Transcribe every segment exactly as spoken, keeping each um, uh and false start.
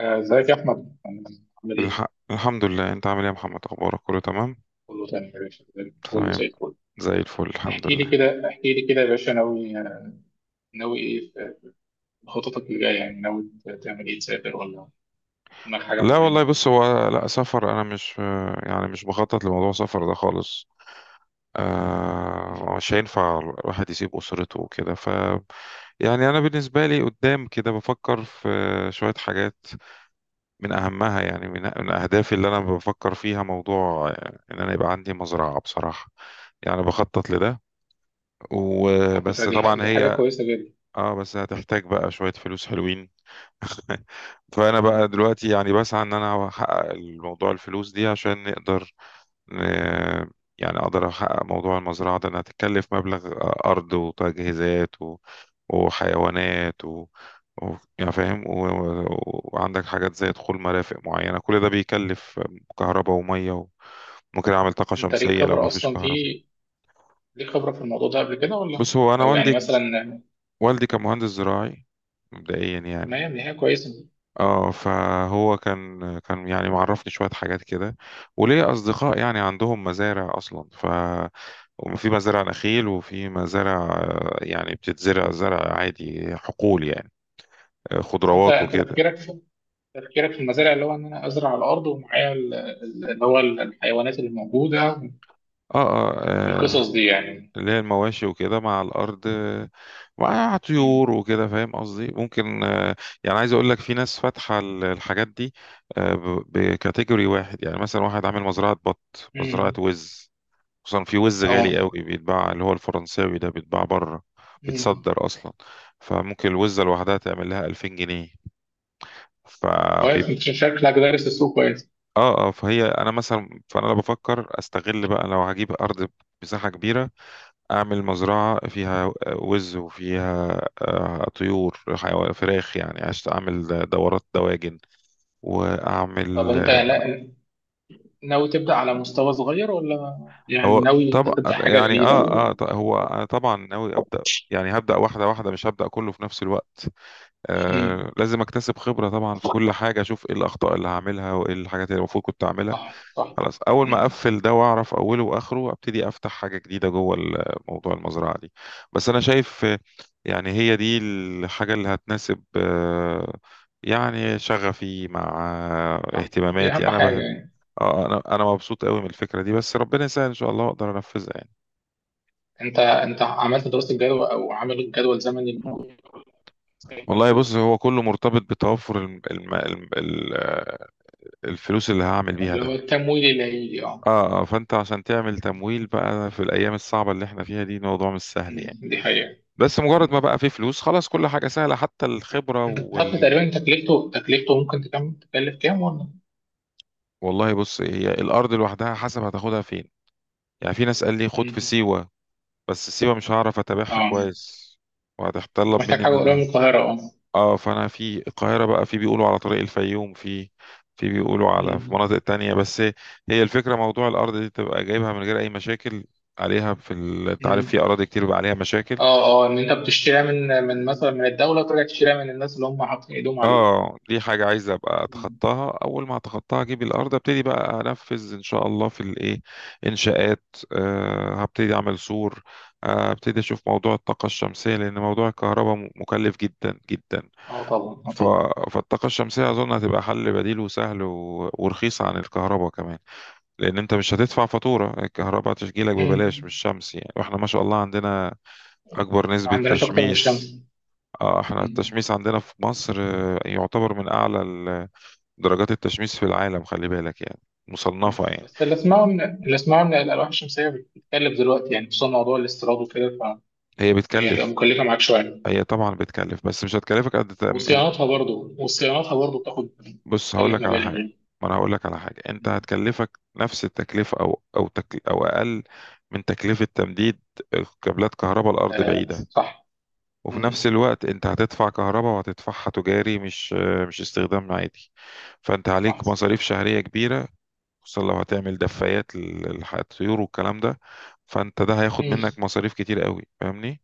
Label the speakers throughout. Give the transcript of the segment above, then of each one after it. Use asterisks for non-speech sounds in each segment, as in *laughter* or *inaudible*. Speaker 1: آه، ازيك يا احمد؟ عامل ايه؟
Speaker 2: الح... الحمد لله. انت عامل ايه يا محمد؟ اخبارك كله تمام؟
Speaker 1: كله تمام يا باشا، زي الفل، كله
Speaker 2: تمام.
Speaker 1: زي الفل.
Speaker 2: زي الفل الحمد
Speaker 1: احكي لي
Speaker 2: لله.
Speaker 1: كده، احكي لي كده يا باشا. ناوي ناوي ايه في خططك اللي جايه؟ يعني ناوي تعمل ايه؟ تسافر ولا دماغك حاجه
Speaker 2: لا والله،
Speaker 1: معينه ولا؟
Speaker 2: بص، هو لا سفر، انا مش يعني مش بخطط لموضوع سفر ده خالص.
Speaker 1: مم.
Speaker 2: آه، مش هينفع الواحد يسيب اسرته وكده، ف يعني انا بالنسبه لي قدام كده بفكر في شويه حاجات. من اهمها يعني من من اهدافي اللي انا بفكر فيها، موضوع ان انا يبقى عندي مزرعه بصراحه. يعني بخطط لده
Speaker 1: على فكره
Speaker 2: وبس.
Speaker 1: دي ح-
Speaker 2: طبعا
Speaker 1: دي حاجه
Speaker 2: هي
Speaker 1: كويسه جدا.
Speaker 2: اه، بس هتحتاج بقى شويه فلوس حلوين. *laughs* فانا بقى
Speaker 1: مم.
Speaker 2: دلوقتي يعني بسعى ان انا احقق الموضوع، الفلوس دي، عشان نقدر ن... يعني اقدر احقق موضوع المزرعه ده، انها تتكلف مبلغ. ارض وتجهيزات و... وحيوانات و... و... يعني فاهم و... و... وعندك حاجات زي دخول مرافق معينه، كل ده بيكلف. كهرباء وميه و... ممكن اعمل طاقه
Speaker 1: انت ليك
Speaker 2: شمسيه لو
Speaker 1: خبره
Speaker 2: مفيش
Speaker 1: اصلا
Speaker 2: كهرباء.
Speaker 1: في، ليك خبره في الموضوع ده قبل كده ولا؟
Speaker 2: بص، هو انا
Speaker 1: او يعني
Speaker 2: والدي،
Speaker 1: مثلا.
Speaker 2: والدي كان
Speaker 1: مم.
Speaker 2: مهندس زراعي مبدئيا يعني.
Speaker 1: تمام، دي حاجه كويسه.
Speaker 2: اه، فهو كان كان يعني معرفني شوية حاجات كده، وليا أصدقاء يعني عندهم مزارع أصلا. ف وفي مزارع نخيل وفي مزارع، آه، يعني بتتزرع زرع عادي، حقول يعني، آه،
Speaker 1: بس انت،
Speaker 2: خضروات
Speaker 1: انت
Speaker 2: وكده.
Speaker 1: تفكيرك في تفكيرك في المزارع، اللي هو ان انا ازرع على الارض ومعايا ال- ال- اللي هو الحيوانات اللي موجوده
Speaker 2: اه اه، آه،
Speaker 1: والقصص دي يعني.
Speaker 2: اللي هي المواشي وكده مع الأرض، آه، مع طيور
Speaker 1: مم.
Speaker 2: وكده، فاهم قصدي، ممكن. آه، يعني عايز أقول لك، في ناس فاتحة ال- الحاجات دي، آه، ب- بكاتيجوري واحد. يعني مثلا واحد عامل مزرعة بط، مزرعة
Speaker 1: امم.
Speaker 2: وز، خصوصا في وز غالي
Speaker 1: اه،
Speaker 2: قوي بيتباع، اللي هو الفرنساوي ده، بيتباع بره،
Speaker 1: امم.
Speaker 2: بيتصدر اصلا. فممكن الوزة لوحدها تعمل لها ألفين جنيه.
Speaker 1: كويس،
Speaker 2: فبيب...
Speaker 1: انت شكلك دارس السوق كويس.
Speaker 2: اه اه، فهي انا مثلا، فانا لو بفكر استغل بقى، لو هجيب ارض مساحة كبيرة، اعمل مزرعة فيها وز وفيها آه، طيور، حيوان، فراخ، يعني عشان اعمل دورات دواجن
Speaker 1: طب
Speaker 2: واعمل.
Speaker 1: انت لا- ناوي تبدا على مستوى صغير ولا يعني
Speaker 2: هو
Speaker 1: ناوي انت
Speaker 2: طبعا،
Speaker 1: تبدا حاجه
Speaker 2: يعني
Speaker 1: كبيره؟
Speaker 2: اه اه، ط- هو انا طبعا ناوي ابدا. يعني هبدا واحدة واحدة، مش هبدا كله في نفس الوقت.
Speaker 1: امم.
Speaker 2: آه، لازم اكتسب خبرة طبعا في كل حاجة، اشوف ايه الاخطاء اللي هعملها وايه الحاجات اللي المفروض كنت اعملها.
Speaker 1: صح صح.
Speaker 2: خلاص، اول ما
Speaker 1: امم.
Speaker 2: اقفل ده واعرف اوله واخره ابتدي افتح حاجة جديدة جوه ال- موضوع المزرعة دي. بس انا شايف، آه، يعني هي دي الحاجة اللي هتناسب، آه، يعني شغفي مع آه،
Speaker 1: صح، دي
Speaker 2: اهتماماتي،
Speaker 1: اهم
Speaker 2: انا
Speaker 1: حاجه
Speaker 2: بحب.
Speaker 1: يعني.
Speaker 2: آه، انا انا مبسوط قوي من الفكرة دي، بس ربنا يسهل ان شاء الله اقدر انفذها يعني.
Speaker 1: انت انت عملت دراسه جدوى او عامل جدول زمني؟
Speaker 2: والله، بص، هو كله مرتبط بتوفر الم- الم- الم- ال- آه، الفلوس اللي هعمل بيها
Speaker 1: اللي هو
Speaker 2: ده.
Speaker 1: التمويل اللي هيجي، اه.
Speaker 2: اه اه، فانت عشان تعمل تمويل بقى في الايام الصعبه اللي احنا فيها دي، موضوع مش سهل
Speaker 1: امم،
Speaker 2: يعني.
Speaker 1: دي حقيقه.
Speaker 2: بس مجرد ما
Speaker 1: مم.
Speaker 2: بقى في فلوس خلاص، كل حاجه سهله، حتى الخبره
Speaker 1: انت عارف
Speaker 2: وال...
Speaker 1: تقريبا تكلفته، تكلفته ممكن تكمل تكلف كام ولا؟
Speaker 2: والله، بص، هي الارض لوحدها حسب هتاخدها فين. يعني في ناس قال لي خد في
Speaker 1: امم.
Speaker 2: سيوه، بس سيوه مش هعرف اتابعها
Speaker 1: اه.
Speaker 2: كويس
Speaker 1: انت
Speaker 2: وهتتطلب
Speaker 1: محتاج
Speaker 2: مني ان
Speaker 1: حاجه قريبه من
Speaker 2: انا.
Speaker 1: القاهره، اه.
Speaker 2: اه، فانا في القاهره بقى، في بيقولوا على طريق الفيوم، في، في بيقولوا على، في مناطق تانية بس. هي الفكره، موضوع الارض دي تبقى جايبها من غير اي مشاكل عليها. في ال... انت عارف في
Speaker 1: امم.
Speaker 2: اراضي كتير بقى عليها مشاكل.
Speaker 1: اه اه، ان انت بتشتريها من من مثلا من الدوله وترجع تشتريها من الناس اللي هم حاطين ايدهم عليه.
Speaker 2: اه، دي حاجة عايز ابقى
Speaker 1: مم.
Speaker 2: اتخطاها، اول ما اتخطاها اجيب الارض ابتدي بقى انفذ ان شاء الله في الايه انشاءات. أه، هبتدي اعمل سور، آه، هبتدي اشوف موضوع الطاقة الشمسية، لان موضوع الكهرباء م- مكلف جدا جدا.
Speaker 1: اه طبعا، اه
Speaker 2: ف...
Speaker 1: طبعا.
Speaker 2: فالطاقة الشمسية اظن هتبقى حل بديل وسهل و... ورخيص عن الكهرباء كمان. لان انت مش هتدفع فاتورة الكهرباء، تشجيلك ببلاش،
Speaker 1: مم.
Speaker 2: مش شمس يعني، واحنا ما شاء الله عندنا اكبر
Speaker 1: ما
Speaker 2: نسبة
Speaker 1: عندناش اكتر من
Speaker 2: تشميس.
Speaker 1: الشمس.
Speaker 2: آه، احنا
Speaker 1: مم.
Speaker 2: التشميس عندنا في مصر آه، يعتبر من اعلى درجات التشميس في العالم، خلي بالك يعني، مصنفة
Speaker 1: مم.
Speaker 2: يعني.
Speaker 1: بس اللي اسمعه ان، اللي اسمعه ان الالواح الشمسيه بتتكلف دلوقتي، يعني خصوصا موضوع الاستيراد وكده،
Speaker 2: هي
Speaker 1: فهي هتبقى
Speaker 2: بتكلف،
Speaker 1: مكلفه معاك شويه.
Speaker 2: هي طبعا بتكلف، بس مش هتكلفك قد تأمين.
Speaker 1: وصيانتها برضه وصيانتها برضه بتاخد،
Speaker 2: بص هقول
Speaker 1: بتكلف
Speaker 2: لك على
Speaker 1: مبالغ
Speaker 2: حاجة،
Speaker 1: يعني.
Speaker 2: ما انا هقول لك على حاجة. انت
Speaker 1: مم.
Speaker 2: هتكلفك نفس التكلفة او او تكل او اقل من تكلفة تمديد كابلات كهرباء، الارض
Speaker 1: آه
Speaker 2: بعيدة.
Speaker 1: صح.
Speaker 2: وفي
Speaker 1: مم.
Speaker 2: نفس الوقت انت هتدفع كهرباء، وهتدفعها تجاري، مش مش استخدام عادي. فانت
Speaker 1: صح.
Speaker 2: عليك مصاريف شهرية كبيرة، خصوصا لو هتعمل دفايات للطيور والكلام ده. فانت ده هياخد
Speaker 1: مم.
Speaker 2: منك مصاريف كتير قوي، فاهمني؟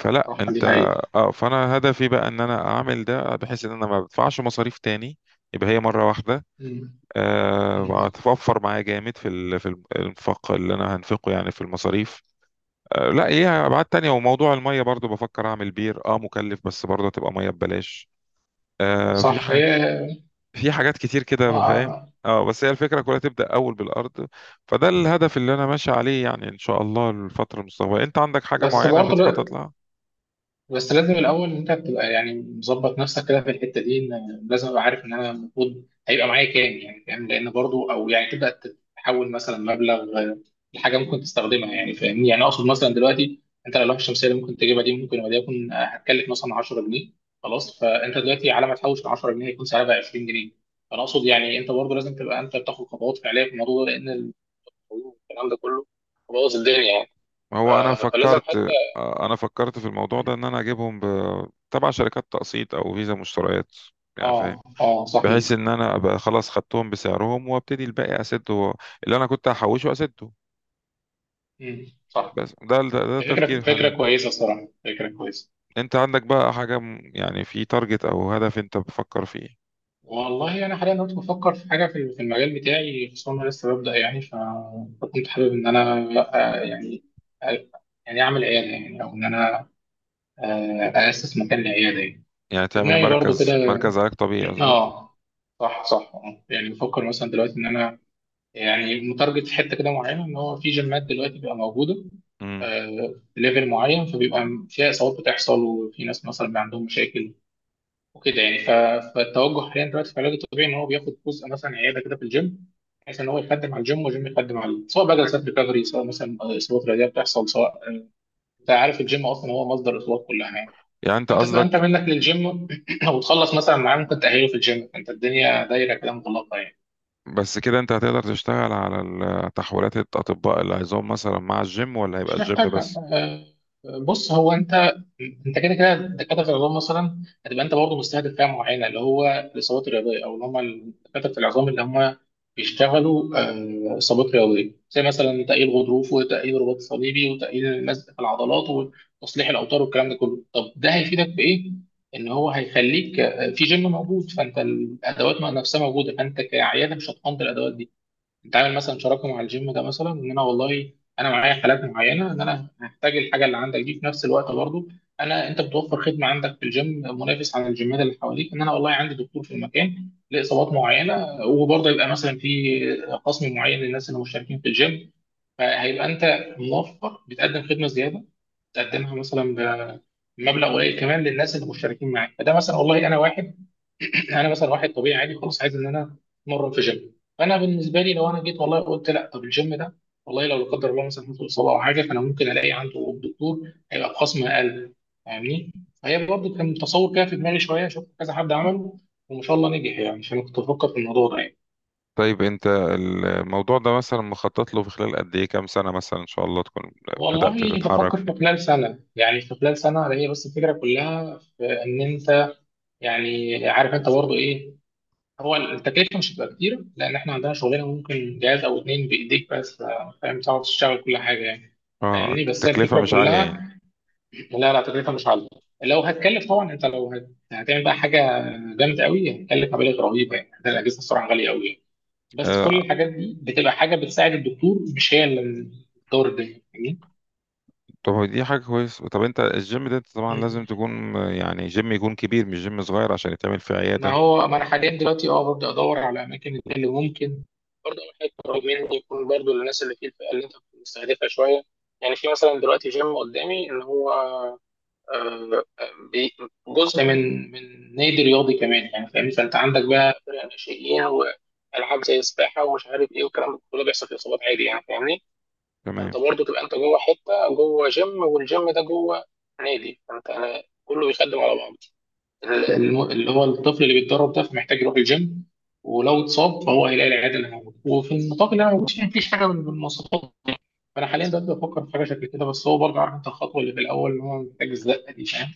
Speaker 2: فلا
Speaker 1: صح،
Speaker 2: انت.
Speaker 1: دي حقيقة.
Speaker 2: اه، فانا هدفي بقى ان انا اعمل ده، بحيث ان انا ما بدفعش مصاريف تاني. يبقى هي مره واحده،
Speaker 1: مم.
Speaker 2: أه
Speaker 1: مم.
Speaker 2: هتوفر معايا جامد في ال- في الانفاق اللي انا هنفقه يعني في المصاريف. أه لا، ايه، ابعاد تانية. وموضوع الميه برضو بفكر اعمل بير، اه مكلف بس برضه هتبقى ميه ببلاش. أه في
Speaker 1: صح.
Speaker 2: ح...
Speaker 1: هي
Speaker 2: في حاجات كتير كده، فاهم.
Speaker 1: آه،
Speaker 2: اه، بس هي الفكره كلها تبدا اول بالارض. فده الهدف اللي انا ماشي عليه يعني ان شاء الله الفتره المستقبليه. انت عندك حاجه
Speaker 1: بس
Speaker 2: معينه
Speaker 1: برضه،
Speaker 2: بتخطط لها؟
Speaker 1: بس لازم الاول انت بتبقى يعني مظبط نفسك كده في الحته دي، ان لازم ابقى عارف ان انا المفروض هيبقى معايا كام، يعني فاهم، لان برضو، او يعني تبدا تحول مثلا مبلغ آه، لحاجه ممكن تستخدمها، يعني فاهمني، يعني اقصد مثلا دلوقتي انت اللوحه الشمسيه اللي ممكن تجيبها دي، ممكن وليكن آه، هتكلف مثلا عشرة جنيه. خلاص، فانت دلوقتي على ما تحوش ال عشرة جنيه هيكون سعرها بقى عشرين جنيه. فانا اقصد يعني انت برضو لازم تبقى انت بتاخد خطوات فعليه في الموضوع ده، لان الكلام ده كله بوظ الدنيا يعني.
Speaker 2: هو انا
Speaker 1: ف- فلازم
Speaker 2: فكرت،
Speaker 1: حتى.
Speaker 2: آه، انا فكرت في الموضوع ده ان انا اجيبهم ب... تبع شركات تقسيط او فيزا مشتريات، يعني فاهم،
Speaker 1: اه اه صح.
Speaker 2: بحيث ان انا ابقى خلاص خدتهم بسعرهم وابتدي الباقي اسده، اللي انا كنت هحوشه اسده.
Speaker 1: مم. صح.
Speaker 2: بس ده ده, ده
Speaker 1: فكرة،
Speaker 2: تفكير حاليا.
Speaker 1: فكرة كويسة الصراحة، فكرة كويسة.
Speaker 2: انت عندك بقى حاجة م- يعني في تارجت او هدف انت بتفكر فيه؟
Speaker 1: والله أنا حاليا كنت بفكر في حاجة في، في المجال بتاعي، خصوصا أنا لسه ببدأ يعني. ف- فكنت حابب إن أنا آه، يعني آه، يعني أعمل عيادة، يعني أو إن أنا آه، أأسس مكان لعيادة يعني.
Speaker 2: يعني
Speaker 1: في
Speaker 2: تعمل
Speaker 1: دماغي برضو كده.
Speaker 2: مركز مركز علاج طبيعي قصدك؟
Speaker 1: آه صح صح آه. يعني بفكر مثلا دلوقتي إن أنا، يعني متارجت في حتة كده معينة، إن هو في جيمات دلوقتي بقى موجودة
Speaker 2: امم
Speaker 1: آه، ليفل معين، فبيبقى فيها إصابات بتحصل، وفي ناس مثلا بيبقى عندهم مشاكل وكده يعني. ف- فالتوجه حاليا دلوقتي في العلاج الطبيعي ان هو بياخد جزء، مثلا عياده كده في الجيم، بحيث ان هو يخدم على الجيم والجيم يخدم عليه، سواء بقى جلسات ريكفري، سواء مثلا اصابات رياضيه بتحصل، سواء، انت عارف الجيم اصلا هو مصدر الاصابات كلها يعني.
Speaker 2: يعني انت
Speaker 1: انت تبقى انت
Speaker 2: قصدك،
Speaker 1: منك للجيم *coughs* *clears throat* وتخلص مثلا معاه، ممكن تاهله في الجيم، انت الدنيا دايره كده مغلقه يعني.
Speaker 2: بس كده انت هتقدر تشتغل على ال- تحويلات الاطباء اللي عايزهم مثلا مع الجيم، ولا هيبقى الجيم
Speaker 1: حاجه
Speaker 2: بس؟
Speaker 1: آه، بص هو انت، انت كده كده دكاتره في العظام مثلا، هتبقى انت برضه مستهدف فئه معينه، اللي هو الاصابات الرياضيه، او اللي هم دكاتره في العظام اللي هم بيشتغلوا آه، اصابات رياضيه، زي مثلا تاهيل غضروف وتاهيل رباط صليبي وتاهيل لزق في العضلات وتصليح الاوتار والكلام ده كله. طب ده هيفيدك بايه؟ ان هو هيخليك آه، في جيم موجود، فانت الادوات نفسها موجوده، فانت كعياده مش هتقنط الادوات دي. انت عامل مثلا شراكه مع الجيم ده مثلا، ان انا والله انا معايا حالات معينه، ان انا هحتاج الحاجه اللي عندك دي في نفس الوقت برضه، انا انت بتوفر خدمه عندك في الجيم، منافس عن الجيمات اللي حواليك، ان انا والله عندي دكتور في المكان لاصابات معينه، وبرضه يبقى مثلا في قسم معين للناس اللي مشتركين في الجيم. فهيبقى انت موفر، بتقدم خدمه زياده، تقدمها مثلا ب- بمبلغ قليل كمان للناس اللي مشتركين معاك. فده مثلا والله انا واحد، انا مثلا واحد طبيعي عادي خلاص، عايز ان انا اتمرن في جيم، فانا بالنسبه لي لو انا جيت والله قلت لا، طب الجيم ده والله لو لا قدر الله مثلا حصل اصابه او حاجه، فانا ممكن الاقي عنده الدكتور هيبقى بخصم اقل، فاهمني. فهي برضه كان تصور كده في دماغي شويه، شفت كذا حد عمله وما شاء الله نجح يعني، فانا كنت بفكر في الموضوع ده يعني.
Speaker 2: طيب، انت الموضوع ده مثلا مخطط له في خلال قد ايه، كام سنة مثلا ان شاء الله تكون بدأت
Speaker 1: والله
Speaker 2: تتحرك
Speaker 1: بفكر في
Speaker 2: فيه؟
Speaker 1: خلال سنه، يعني في خلال سنه. هي بس الفكره كلها في ان انت، يعني عارف انت برضه ايه، هو التكلفة مش هتبقى كتير، لأن إحنا عندنا شغلنا ممكن جهاز أو اتنين بإيديك بس آه، فاهم، تعرف تشتغل كل حاجة يعني.
Speaker 2: اه،
Speaker 1: فاهمني؟ بس هي
Speaker 2: تكلفة
Speaker 1: الفكرة
Speaker 2: مش عالية يعني؟
Speaker 1: كلها، لا لا، تكلفة مش عالية. لو هتكلف طبعا أنت، لو هت- هتعمل بقى حاجة جامدة قوي هتكلف مبالغ رهيبة يعني، ده الأجهزة الصراحة غالية قوي يعني. بس كل
Speaker 2: آه.
Speaker 1: الحاجات دي بتبقى حاجة بتساعد الدكتور، مش هي اللي بتدور الدنيا.
Speaker 2: طب هو دي حاجة كويس. طب انت الجيم ده انت طبعا لازم
Speaker 1: فاهمني؟
Speaker 2: تكون آه، يعني جيم يكون كبير، مش جيم صغير، عشان يتعمل فيه
Speaker 1: ما
Speaker 2: عيادة؟
Speaker 1: هو ما انا حاليا دلوقتي اه ببدا ادور على اماكن اللي ممكن، برضه اول حاجه قريب مني، يكون برضه للناس اللي في الفئه اللي انت بتستهدفها شويه. يعني في مثلا دلوقتي جيم قدامي، اللي هو آه، آه، بي- جزء من من نادي رياضي كمان يعني، فاهم، فانت عندك بقى فرق ناشئين والعاب زي السباحه ومش عارف ايه، والكلام ده كله بيحصل في اصابات عادي يعني، فاهمني. فانت
Speaker 2: تمام.
Speaker 1: برضه تبقى انت جوه حته، جوه جيم، والجيم ده جوه نادي، فانت كله بيخدم على بعضه. الم- اللي هو الطفل اللي بيتدرب ده، فمحتاج يروح الجيم، ولو اتصاب فهو هيلاقي العياده اللي موجوده، وفي النطاق اللي انا موجود فيه مفيش حاجه من من المواصفات. فانا حاليا ببدا افكر في حاجه شكل كده، بس هو برضه، عارف انت الخطوه اللي في الاول، اللي هو محتاج الزقه دي فاهم.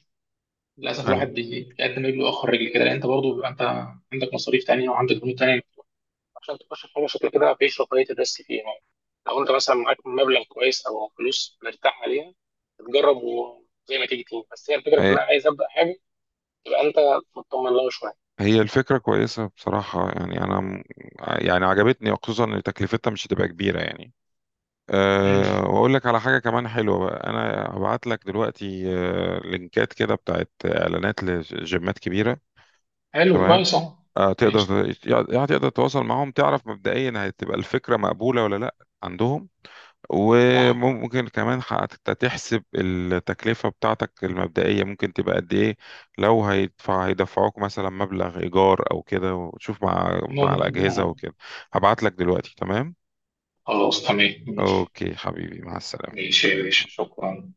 Speaker 1: للاسف
Speaker 2: آه.
Speaker 1: الواحد بي- بيقدم رجله واخر رجل كده، لان انت برضه بيبقى انت عندك مصاريف تانيه وعندك بنود تانيه، عشان تخش في حاجه شكل كده، مفيش رفاهيه الريسك فيها يعني. لو انت مثلا معاك مبلغ كويس او فلوس مرتاح عليها، تجرب وزي ما تيجي تيجي. بس هي الفكره
Speaker 2: هي
Speaker 1: كلها، عايز ابدا حاجه تبقى انت مطمن لها شويه.
Speaker 2: هي الفكرة كويسة بصراحة يعني، انا م- يعني عجبتني، خصوصا ان تكلفتها مش هتبقى كبيرة يعني.
Speaker 1: مم.
Speaker 2: أه، واقول لك على حاجه كمان حلوه بقى، انا هبعت لك دلوقتي أه لينكات كده بتاعت اعلانات لجيمات كبيره.
Speaker 1: حلو،
Speaker 2: تمام.
Speaker 1: كويس اهو.
Speaker 2: أه
Speaker 1: ماشي.
Speaker 2: تقدر ت- يعني تقدر تتواصل معاهم، تعرف مبدئيا هتبقى الفكره مقبوله ولا لا عندهم.
Speaker 1: صح.
Speaker 2: وممكن كمان حتى تحسب التكلفه بتاعتك المبدئيه ممكن تبقى قد ايه، لو هيدفع هيدفعوك مثلا مبلغ ايجار او كده، وتشوف مع مع
Speaker 1: نقطة
Speaker 2: الاجهزه
Speaker 1: اهو.
Speaker 2: وكده. هبعت لك دلوقتي. تمام.
Speaker 1: خلاص تمام، ماشي.
Speaker 2: اوكي حبيبي، مع السلامه.
Speaker 1: ماشي يا باشا، شكرا.